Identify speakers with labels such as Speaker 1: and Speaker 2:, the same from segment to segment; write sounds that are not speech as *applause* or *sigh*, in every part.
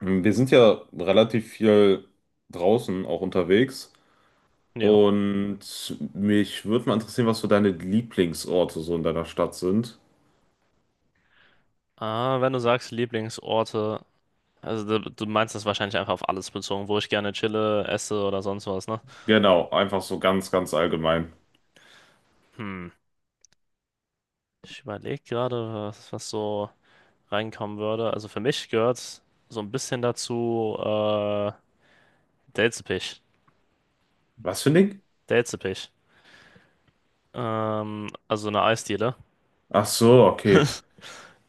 Speaker 1: Wir sind ja relativ viel draußen auch unterwegs
Speaker 2: Ja.
Speaker 1: und mich würde mal interessieren, was so deine Lieblingsorte so in deiner Stadt sind.
Speaker 2: Ah, wenn du sagst Lieblingsorte, also du meinst das wahrscheinlich einfach auf alles bezogen, wo ich gerne chille, esse oder sonst was, ne?
Speaker 1: Genau, einfach so ganz, ganz allgemein.
Speaker 2: Hm. Ich überlege gerade, was so reinkommen würde. Also für mich gehört so ein bisschen dazu Delzepich.
Speaker 1: Was für ein Ding?
Speaker 2: Delzepich. Also eine Eisdiele.
Speaker 1: Ach so, okay.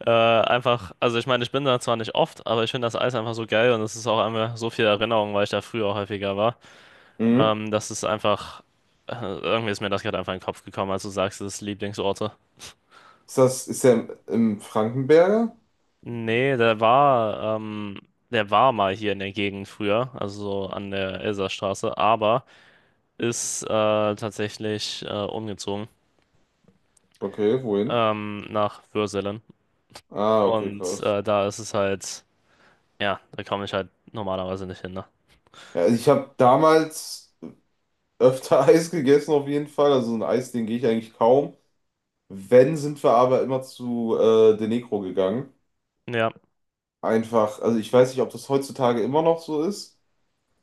Speaker 2: Einfach, also ich meine, ich bin da zwar nicht oft, aber ich finde das Eis einfach so geil und es ist auch einfach so viel Erinnerung, weil ich da früher häufiger war.
Speaker 1: Mhm.
Speaker 2: Das ist einfach. Irgendwie ist mir das gerade einfach in den Kopf gekommen, als du sagst, das ist Lieblingsorte.
Speaker 1: Ist das, ist der im, im Frankenberger?
Speaker 2: Nee, der war mal hier in der Gegend früher, also so an der Elsastraße, aber ist tatsächlich umgezogen
Speaker 1: Okay, wohin?
Speaker 2: nach Würselen.
Speaker 1: Ah, okay,
Speaker 2: Und
Speaker 1: krass.
Speaker 2: da ist es halt, ja, da komme ich halt normalerweise nicht hin, ne?
Speaker 1: Ja, ich habe damals öfter *laughs* Eis gegessen auf jeden Fall. Also so ein Eis, den gehe ich eigentlich kaum. Wenn, sind wir aber immer zu De Negro gegangen.
Speaker 2: Ja,
Speaker 1: Einfach, also ich weiß nicht, ob das heutzutage immer noch so ist,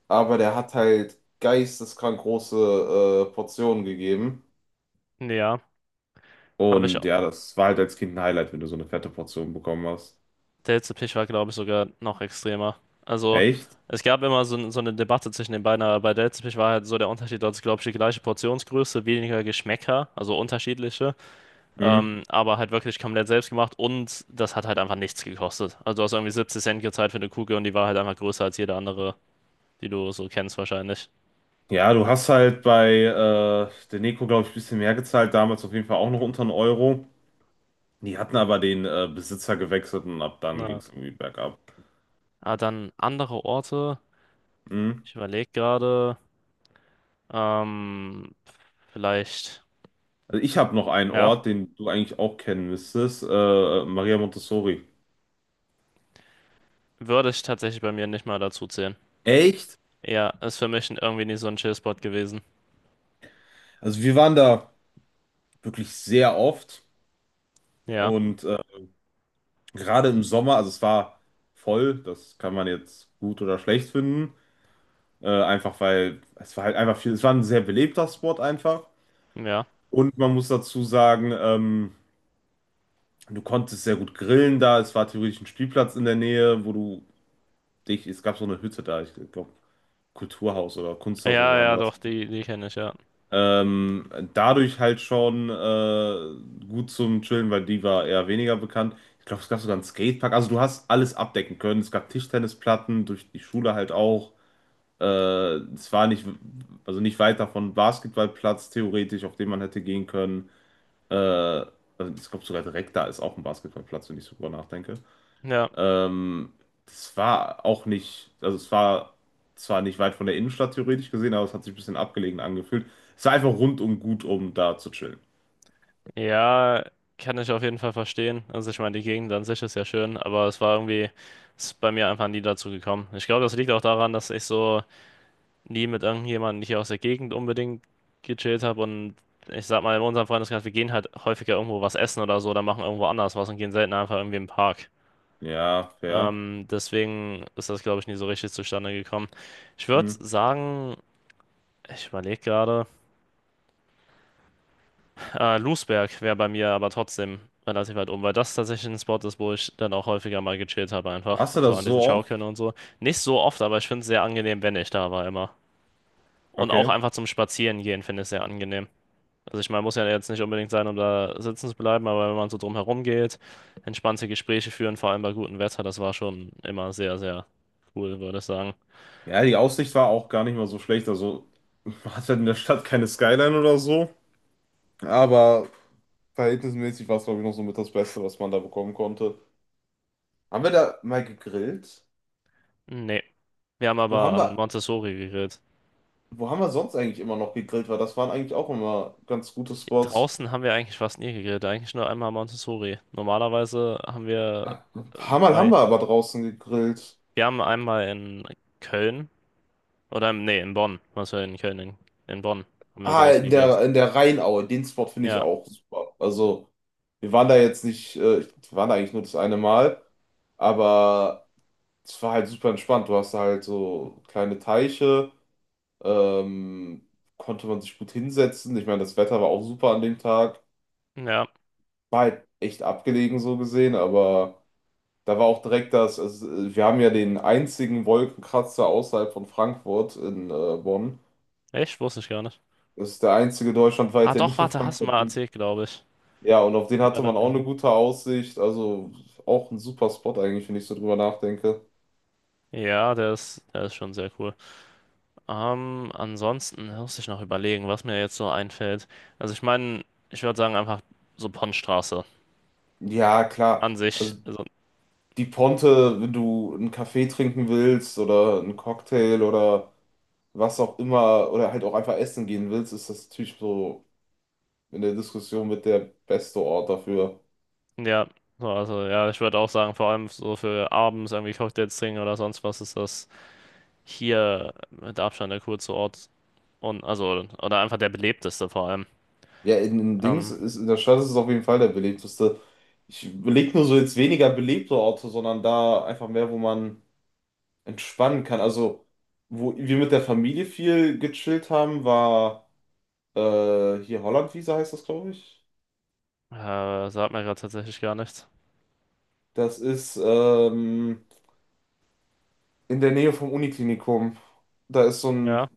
Speaker 1: aber der hat halt geisteskrank große Portionen gegeben.
Speaker 2: ja, habe ich.
Speaker 1: Und ja, das war halt als Kind ein Highlight, wenn du so eine fette Portion bekommen hast.
Speaker 2: Der letzte Pitch war, glaube ich, sogar noch extremer. Also,
Speaker 1: Echt?
Speaker 2: es gab immer so eine Debatte zwischen den beiden, aber bei der letzte Pitch war halt so der Unterschied, dass, glaube ich, die gleiche Portionsgröße, weniger Geschmäcker, also unterschiedliche,
Speaker 1: Hm.
Speaker 2: aber halt wirklich komplett selbst gemacht und das hat halt einfach nichts gekostet. Also, du hast irgendwie 70 Cent gezahlt für eine Kugel und die war halt einfach größer als jede andere, die du so kennst, wahrscheinlich.
Speaker 1: Ja, du hast halt bei der Neko, glaube ich, ein bisschen mehr gezahlt, damals auf jeden Fall auch noch unter einen Euro. Die hatten aber den Besitzer gewechselt und ab dann ging
Speaker 2: Na,
Speaker 1: es irgendwie bergab.
Speaker 2: dann andere Orte.
Speaker 1: Hm.
Speaker 2: Ich überlege gerade, ähm, vielleicht,
Speaker 1: Also ich habe noch einen
Speaker 2: ja,
Speaker 1: Ort, den du eigentlich auch kennen müsstest, Maria Montessori.
Speaker 2: würde ich tatsächlich bei mir nicht mal dazu zählen.
Speaker 1: Echt?
Speaker 2: Ja, ist für mich irgendwie nicht so ein Chill-Spot gewesen.
Speaker 1: Also wir waren da wirklich sehr oft.
Speaker 2: Ja,
Speaker 1: Und gerade im Sommer, also es war voll, das kann man jetzt gut oder schlecht finden. Einfach weil es war halt einfach viel, es war ein sehr belebter Spot einfach.
Speaker 2: ja.
Speaker 1: Und man muss dazu sagen, du konntest sehr gut grillen da. Es war theoretisch ein Spielplatz in der Nähe, wo du dich, es gab so eine Hütte da, ich glaube, Kulturhaus oder Kunsthaus oder
Speaker 2: Ja,
Speaker 1: so haben
Speaker 2: ja,
Speaker 1: wir das.
Speaker 2: doch, die, die kenne ich, ja.
Speaker 1: Dadurch halt schon gut zum Chillen, weil die war eher weniger bekannt. Ich glaube, es gab sogar einen Skatepark. Also du hast alles abdecken können. Es gab Tischtennisplatten, durch die Schule halt auch. Äh, Es war nicht, also nicht weit davon Basketballplatz theoretisch, auf den man hätte gehen können. Also ich glaube sogar direkt da ist auch ein Basketballplatz, wenn ich so drüber nachdenke.
Speaker 2: Ja,
Speaker 1: Ähm, das war auch nicht, also es war zwar nicht weit von der Innenstadt theoretisch gesehen, aber es hat sich ein bisschen abgelegen angefühlt. Es war einfach rundum gut, um da zu chillen.
Speaker 2: ja, kann ich auf jeden Fall verstehen. Also ich meine, die Gegend an sich ist ja schön, aber es war irgendwie, ist bei mir einfach nie dazu gekommen. Ich glaube, das liegt auch daran, dass ich so nie mit irgendjemandem hier aus der Gegend unbedingt gechillt habe und ich sag mal, in unserem Freundeskreis, wir gehen halt häufiger irgendwo was essen oder so oder machen irgendwo anders was und gehen selten einfach irgendwie im Park.
Speaker 1: Ja, fair.
Speaker 2: Deswegen ist das, glaube ich, nie so richtig zustande gekommen. Ich würde
Speaker 1: Hm.
Speaker 2: sagen, Ich überlege gerade. Ah, Lousberg wäre bei mir aber trotzdem relativ weit oben, weil das tatsächlich ein Spot ist, wo ich dann auch häufiger mal gechillt habe, einfach.
Speaker 1: Warst du
Speaker 2: So
Speaker 1: das
Speaker 2: an
Speaker 1: so
Speaker 2: diesen
Speaker 1: oft?
Speaker 2: Schaukeln und so. Nicht so oft, aber ich finde es sehr angenehm, wenn ich da war immer. Und auch
Speaker 1: Okay.
Speaker 2: einfach zum Spazieren gehen finde ich sehr angenehm. Also ich meine, muss ja jetzt nicht unbedingt sein, um da sitzen zu bleiben, aber wenn man so drumherum geht, entspannte Gespräche führen, vor allem bei gutem Wetter, das war schon immer sehr, sehr cool, würde ich sagen.
Speaker 1: Ja, die Aussicht war auch gar nicht mal so schlecht. Also *laughs* man hat halt in der Stadt keine Skyline oder so. Aber verhältnismäßig war es, glaube ich, noch so mit das Beste, was man da bekommen konnte. Haben wir da mal gegrillt?
Speaker 2: Nee. Wir haben
Speaker 1: Wo
Speaker 2: aber
Speaker 1: haben
Speaker 2: an
Speaker 1: wir,
Speaker 2: Montessori gegrillt.
Speaker 1: wo haben wir sonst eigentlich immer noch gegrillt? Weil das waren eigentlich auch immer ganz gute Spots.
Speaker 2: Draußen haben wir eigentlich fast nie gegrillt, eigentlich nur einmal Montessori. Normalerweise haben wir
Speaker 1: Ein
Speaker 2: äh,
Speaker 1: paar Mal haben
Speaker 2: bei,
Speaker 1: wir aber draußen gegrillt.
Speaker 2: wir haben einmal in Köln oder nee, in Bonn, was wir in Köln, in Bonn haben wir
Speaker 1: Ah,
Speaker 2: draußen gegrillt.
Speaker 1: in der Rheinaue. Den Spot finde ich
Speaker 2: Ja,
Speaker 1: auch super. Also, wir waren da jetzt nicht, ich- wir waren da eigentlich nur das eine Mal, aber es war halt super entspannt. Du hast da halt so kleine Teiche, ähm, konnte man sich gut hinsetzen. Ich meine, das Wetter war auch super an dem Tag.
Speaker 2: ja,
Speaker 1: War halt echt abgelegen so gesehen, aber da war auch direkt das, also, wir haben ja den einzigen Wolkenkratzer außerhalb von Frankfurt in Bonn.
Speaker 2: echt, wusste ich gar nicht.
Speaker 1: Das ist der einzige
Speaker 2: Ah
Speaker 1: deutschlandweite, der
Speaker 2: doch,
Speaker 1: nicht in
Speaker 2: warte, hast du
Speaker 1: Frankfurt
Speaker 2: mal
Speaker 1: liegt.
Speaker 2: erzählt, glaube ich.
Speaker 1: Ja, und auf den
Speaker 2: Der war
Speaker 1: hatte man auch eine
Speaker 2: lang-.
Speaker 1: gute Aussicht. Also auch ein super Spot eigentlich, wenn ich so drüber nachdenke.
Speaker 2: Ja, der ist schon sehr cool. Ansonsten muss ich noch überlegen, was mir jetzt so einfällt. Also ich meine, ich würde sagen einfach so Ponnstraße
Speaker 1: Ja, klar.
Speaker 2: an sich.
Speaker 1: Also
Speaker 2: Also
Speaker 1: die Ponte, wenn du einen Kaffee trinken willst oder einen Cocktail oder was auch immer oder halt auch einfach essen gehen willst, ist das natürlich so in der Diskussion mit der beste Ort dafür.
Speaker 2: ja, so, also ja, ich würde auch sagen, vor allem so für abends irgendwie Cocktails trinken oder sonst was ist das hier mit Abstand der coolste Ort und also oder einfach der belebteste vor allem.
Speaker 1: Ja, in Dings
Speaker 2: Ähm,
Speaker 1: ist in der Stadt ist es auf jeden Fall der belebteste. Ich beleg nur so jetzt weniger belebte Orte, sondern da einfach mehr, wo man entspannen kann. Also, wo wir mit der Familie viel gechillt haben, war hier Hollandwiese heißt das, glaube ich.
Speaker 2: Sagt mir gerade tatsächlich gar nichts.
Speaker 1: Das ist in der Nähe vom Uniklinikum. Da ist so
Speaker 2: Ja,
Speaker 1: ein,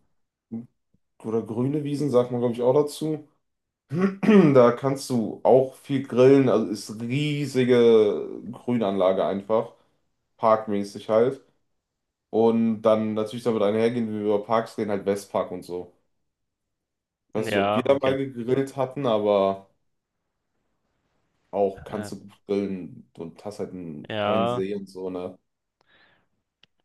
Speaker 1: oder grüne Wiesen, sagt man, glaube ich, auch dazu. *clears throat* Da kannst du auch viel grillen. Also ist riesige Grünanlage einfach. Parkmäßig halt. Und dann natürlich damit einhergehen, wie wir über Parks reden, halt Westpark und so. Ich weiß nicht, ob wir
Speaker 2: ja,
Speaker 1: da
Speaker 2: okay.
Speaker 1: mal gegrillt hatten, aber auch
Speaker 2: Äh,
Speaker 1: kannst du gut grillen und hast halt einen kleinen
Speaker 2: ja,
Speaker 1: See und so, ne?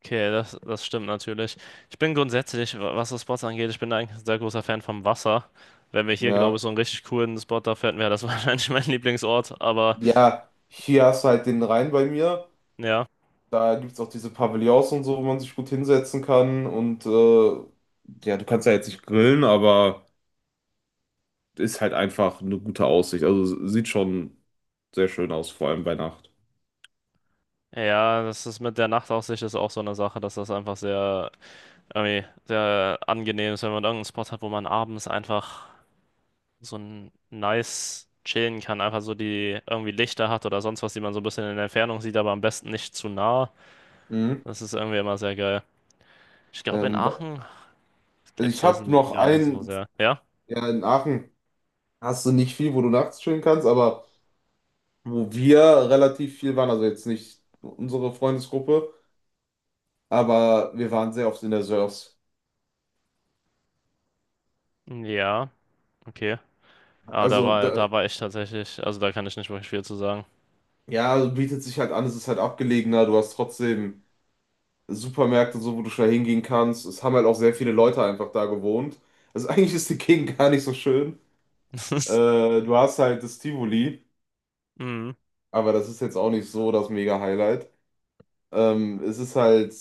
Speaker 2: okay, das stimmt natürlich. Ich bin grundsätzlich, was das Spots angeht, ich bin eigentlich ein sehr großer Fan vom Wasser. Wenn wir hier, glaube
Speaker 1: Ja.
Speaker 2: ich, so einen richtig coolen Spot da finden, wäre das *laughs* wahrscheinlich mein Lieblingsort, aber
Speaker 1: Ja, hier hast du halt den Rhein bei mir.
Speaker 2: ja.
Speaker 1: Da gibt es auch diese Pavillons und so, wo man sich gut hinsetzen kann. Und ja, du kannst ja jetzt nicht grillen, aber ist halt einfach eine gute Aussicht. Also sieht schon sehr schön aus, vor allem bei Nacht.
Speaker 2: Ja, das ist mit der Nachtaussicht ist auch so eine Sache, dass das einfach sehr, irgendwie sehr angenehm ist, wenn man irgendeinen Spot hat, wo man abends einfach so ein nice chillen kann, einfach so die irgendwie Lichter hat oder sonst was, die man so ein bisschen in der Entfernung sieht, aber am besten nicht zu nah.
Speaker 1: Mhm.
Speaker 2: Das ist irgendwie immer sehr geil. Ich glaube, in
Speaker 1: Ähm, wa-
Speaker 2: Aachen
Speaker 1: also
Speaker 2: gibt's
Speaker 1: ich
Speaker 2: das
Speaker 1: habe noch
Speaker 2: gar nicht so
Speaker 1: einen,
Speaker 2: sehr. Ja?
Speaker 1: ja, in Aachen hast du nicht viel, wo du nachts chillen kannst, aber wo wir relativ viel waren, also jetzt nicht unsere Freundesgruppe, aber wir waren sehr oft in der Sörs.
Speaker 2: Ja, okay. Aber da
Speaker 1: Also,
Speaker 2: war,
Speaker 1: da,
Speaker 2: da war ich tatsächlich, also da kann ich nicht wirklich viel zu sagen.
Speaker 1: ja, bietet sich halt an, es ist halt abgelegener, du hast trotzdem Supermärkte, und so wo du schnell hingehen kannst. Es haben halt auch sehr viele Leute einfach da gewohnt. Also, *laughs* eigentlich ist die Gegend gar nicht so schön. Äh,
Speaker 2: *laughs*
Speaker 1: Du hast halt das Tivoli,
Speaker 2: Mhm.
Speaker 1: aber das ist jetzt auch nicht so das Mega-Highlight. Es ist halt,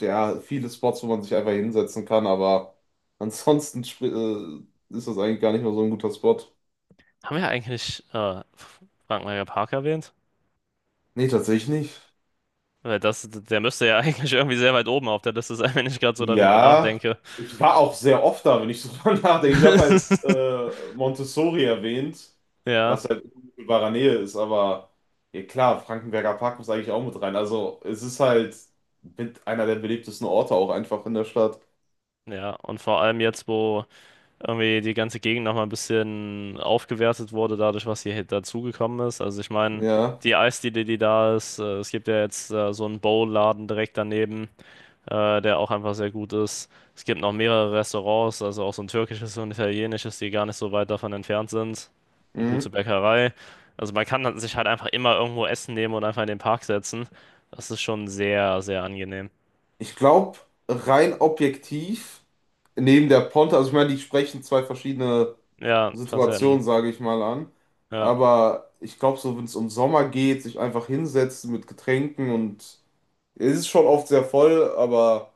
Speaker 1: ja, viele Spots, wo man sich einfach hinsetzen kann, aber ansonsten spri- ist das eigentlich gar nicht mehr so ein guter Spot.
Speaker 2: Haben wir eigentlich Frank-Meyer-Park erwähnt?
Speaker 1: Nee, tatsächlich nicht.
Speaker 2: Weil das, der müsste ja *laughs* eigentlich irgendwie sehr weit oben auf der Liste sein, wenn ich gerade so darüber
Speaker 1: Ja,
Speaker 2: nachdenke.
Speaker 1: ich war auch sehr oft da, wenn ich so *laughs* dran nachdenke. Ich habe halt
Speaker 2: *laughs*
Speaker 1: Montessori erwähnt,
Speaker 2: Ja,
Speaker 1: was halt in unmittelbarer Nähe ist, aber ja klar, Frankenberger Park muss eigentlich auch mit rein. Also es ist halt mit einer der beliebtesten Orte auch einfach in der Stadt.
Speaker 2: ja. Und vor allem jetzt, wo irgendwie die ganze Gegend nochmal ein bisschen aufgewertet wurde, dadurch, was hier dazugekommen ist. Also ich meine,
Speaker 1: Ja.
Speaker 2: die Eisdiele, die da ist, es gibt ja jetzt so einen Bowl-Laden direkt daneben. Der auch einfach sehr gut ist. Es gibt noch mehrere Restaurants, also auch so ein türkisches und italienisches, die gar nicht so weit davon entfernt sind. Eine gute
Speaker 1: Mhm.
Speaker 2: Bäckerei. Also man kann dann sich halt einfach immer irgendwo Essen nehmen und einfach in den Park setzen. Das ist schon sehr, sehr angenehm.
Speaker 1: Ich glaube, rein objektiv, neben der Ponte, also ich meine, die sprechen zwei verschiedene
Speaker 2: Ja,
Speaker 1: Situationen,
Speaker 2: Facetten.
Speaker 1: sage ich mal an.
Speaker 2: Ja,
Speaker 1: Aber ich glaube, so wenn es um Sommer geht, sich einfach hinsetzen mit Getränken und es ist schon oft sehr voll, aber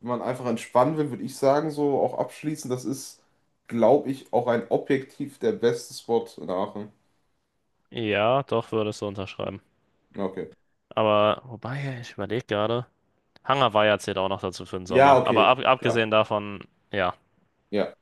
Speaker 1: wenn man einfach entspannen will, würde ich sagen, so auch abschließen, das ist, glaube ich, auch ein objektiv der beste Spot in Aachen.
Speaker 2: ja, doch würde ich so unterschreiben.
Speaker 1: Ja, okay.
Speaker 2: Aber wobei, ich überlege gerade. Hangar war ja zählt auch noch dazu für den
Speaker 1: Ja,
Speaker 2: Sommer. Aber
Speaker 1: okay,
Speaker 2: ab,
Speaker 1: klar.
Speaker 2: abgesehen davon, ja.
Speaker 1: Ja.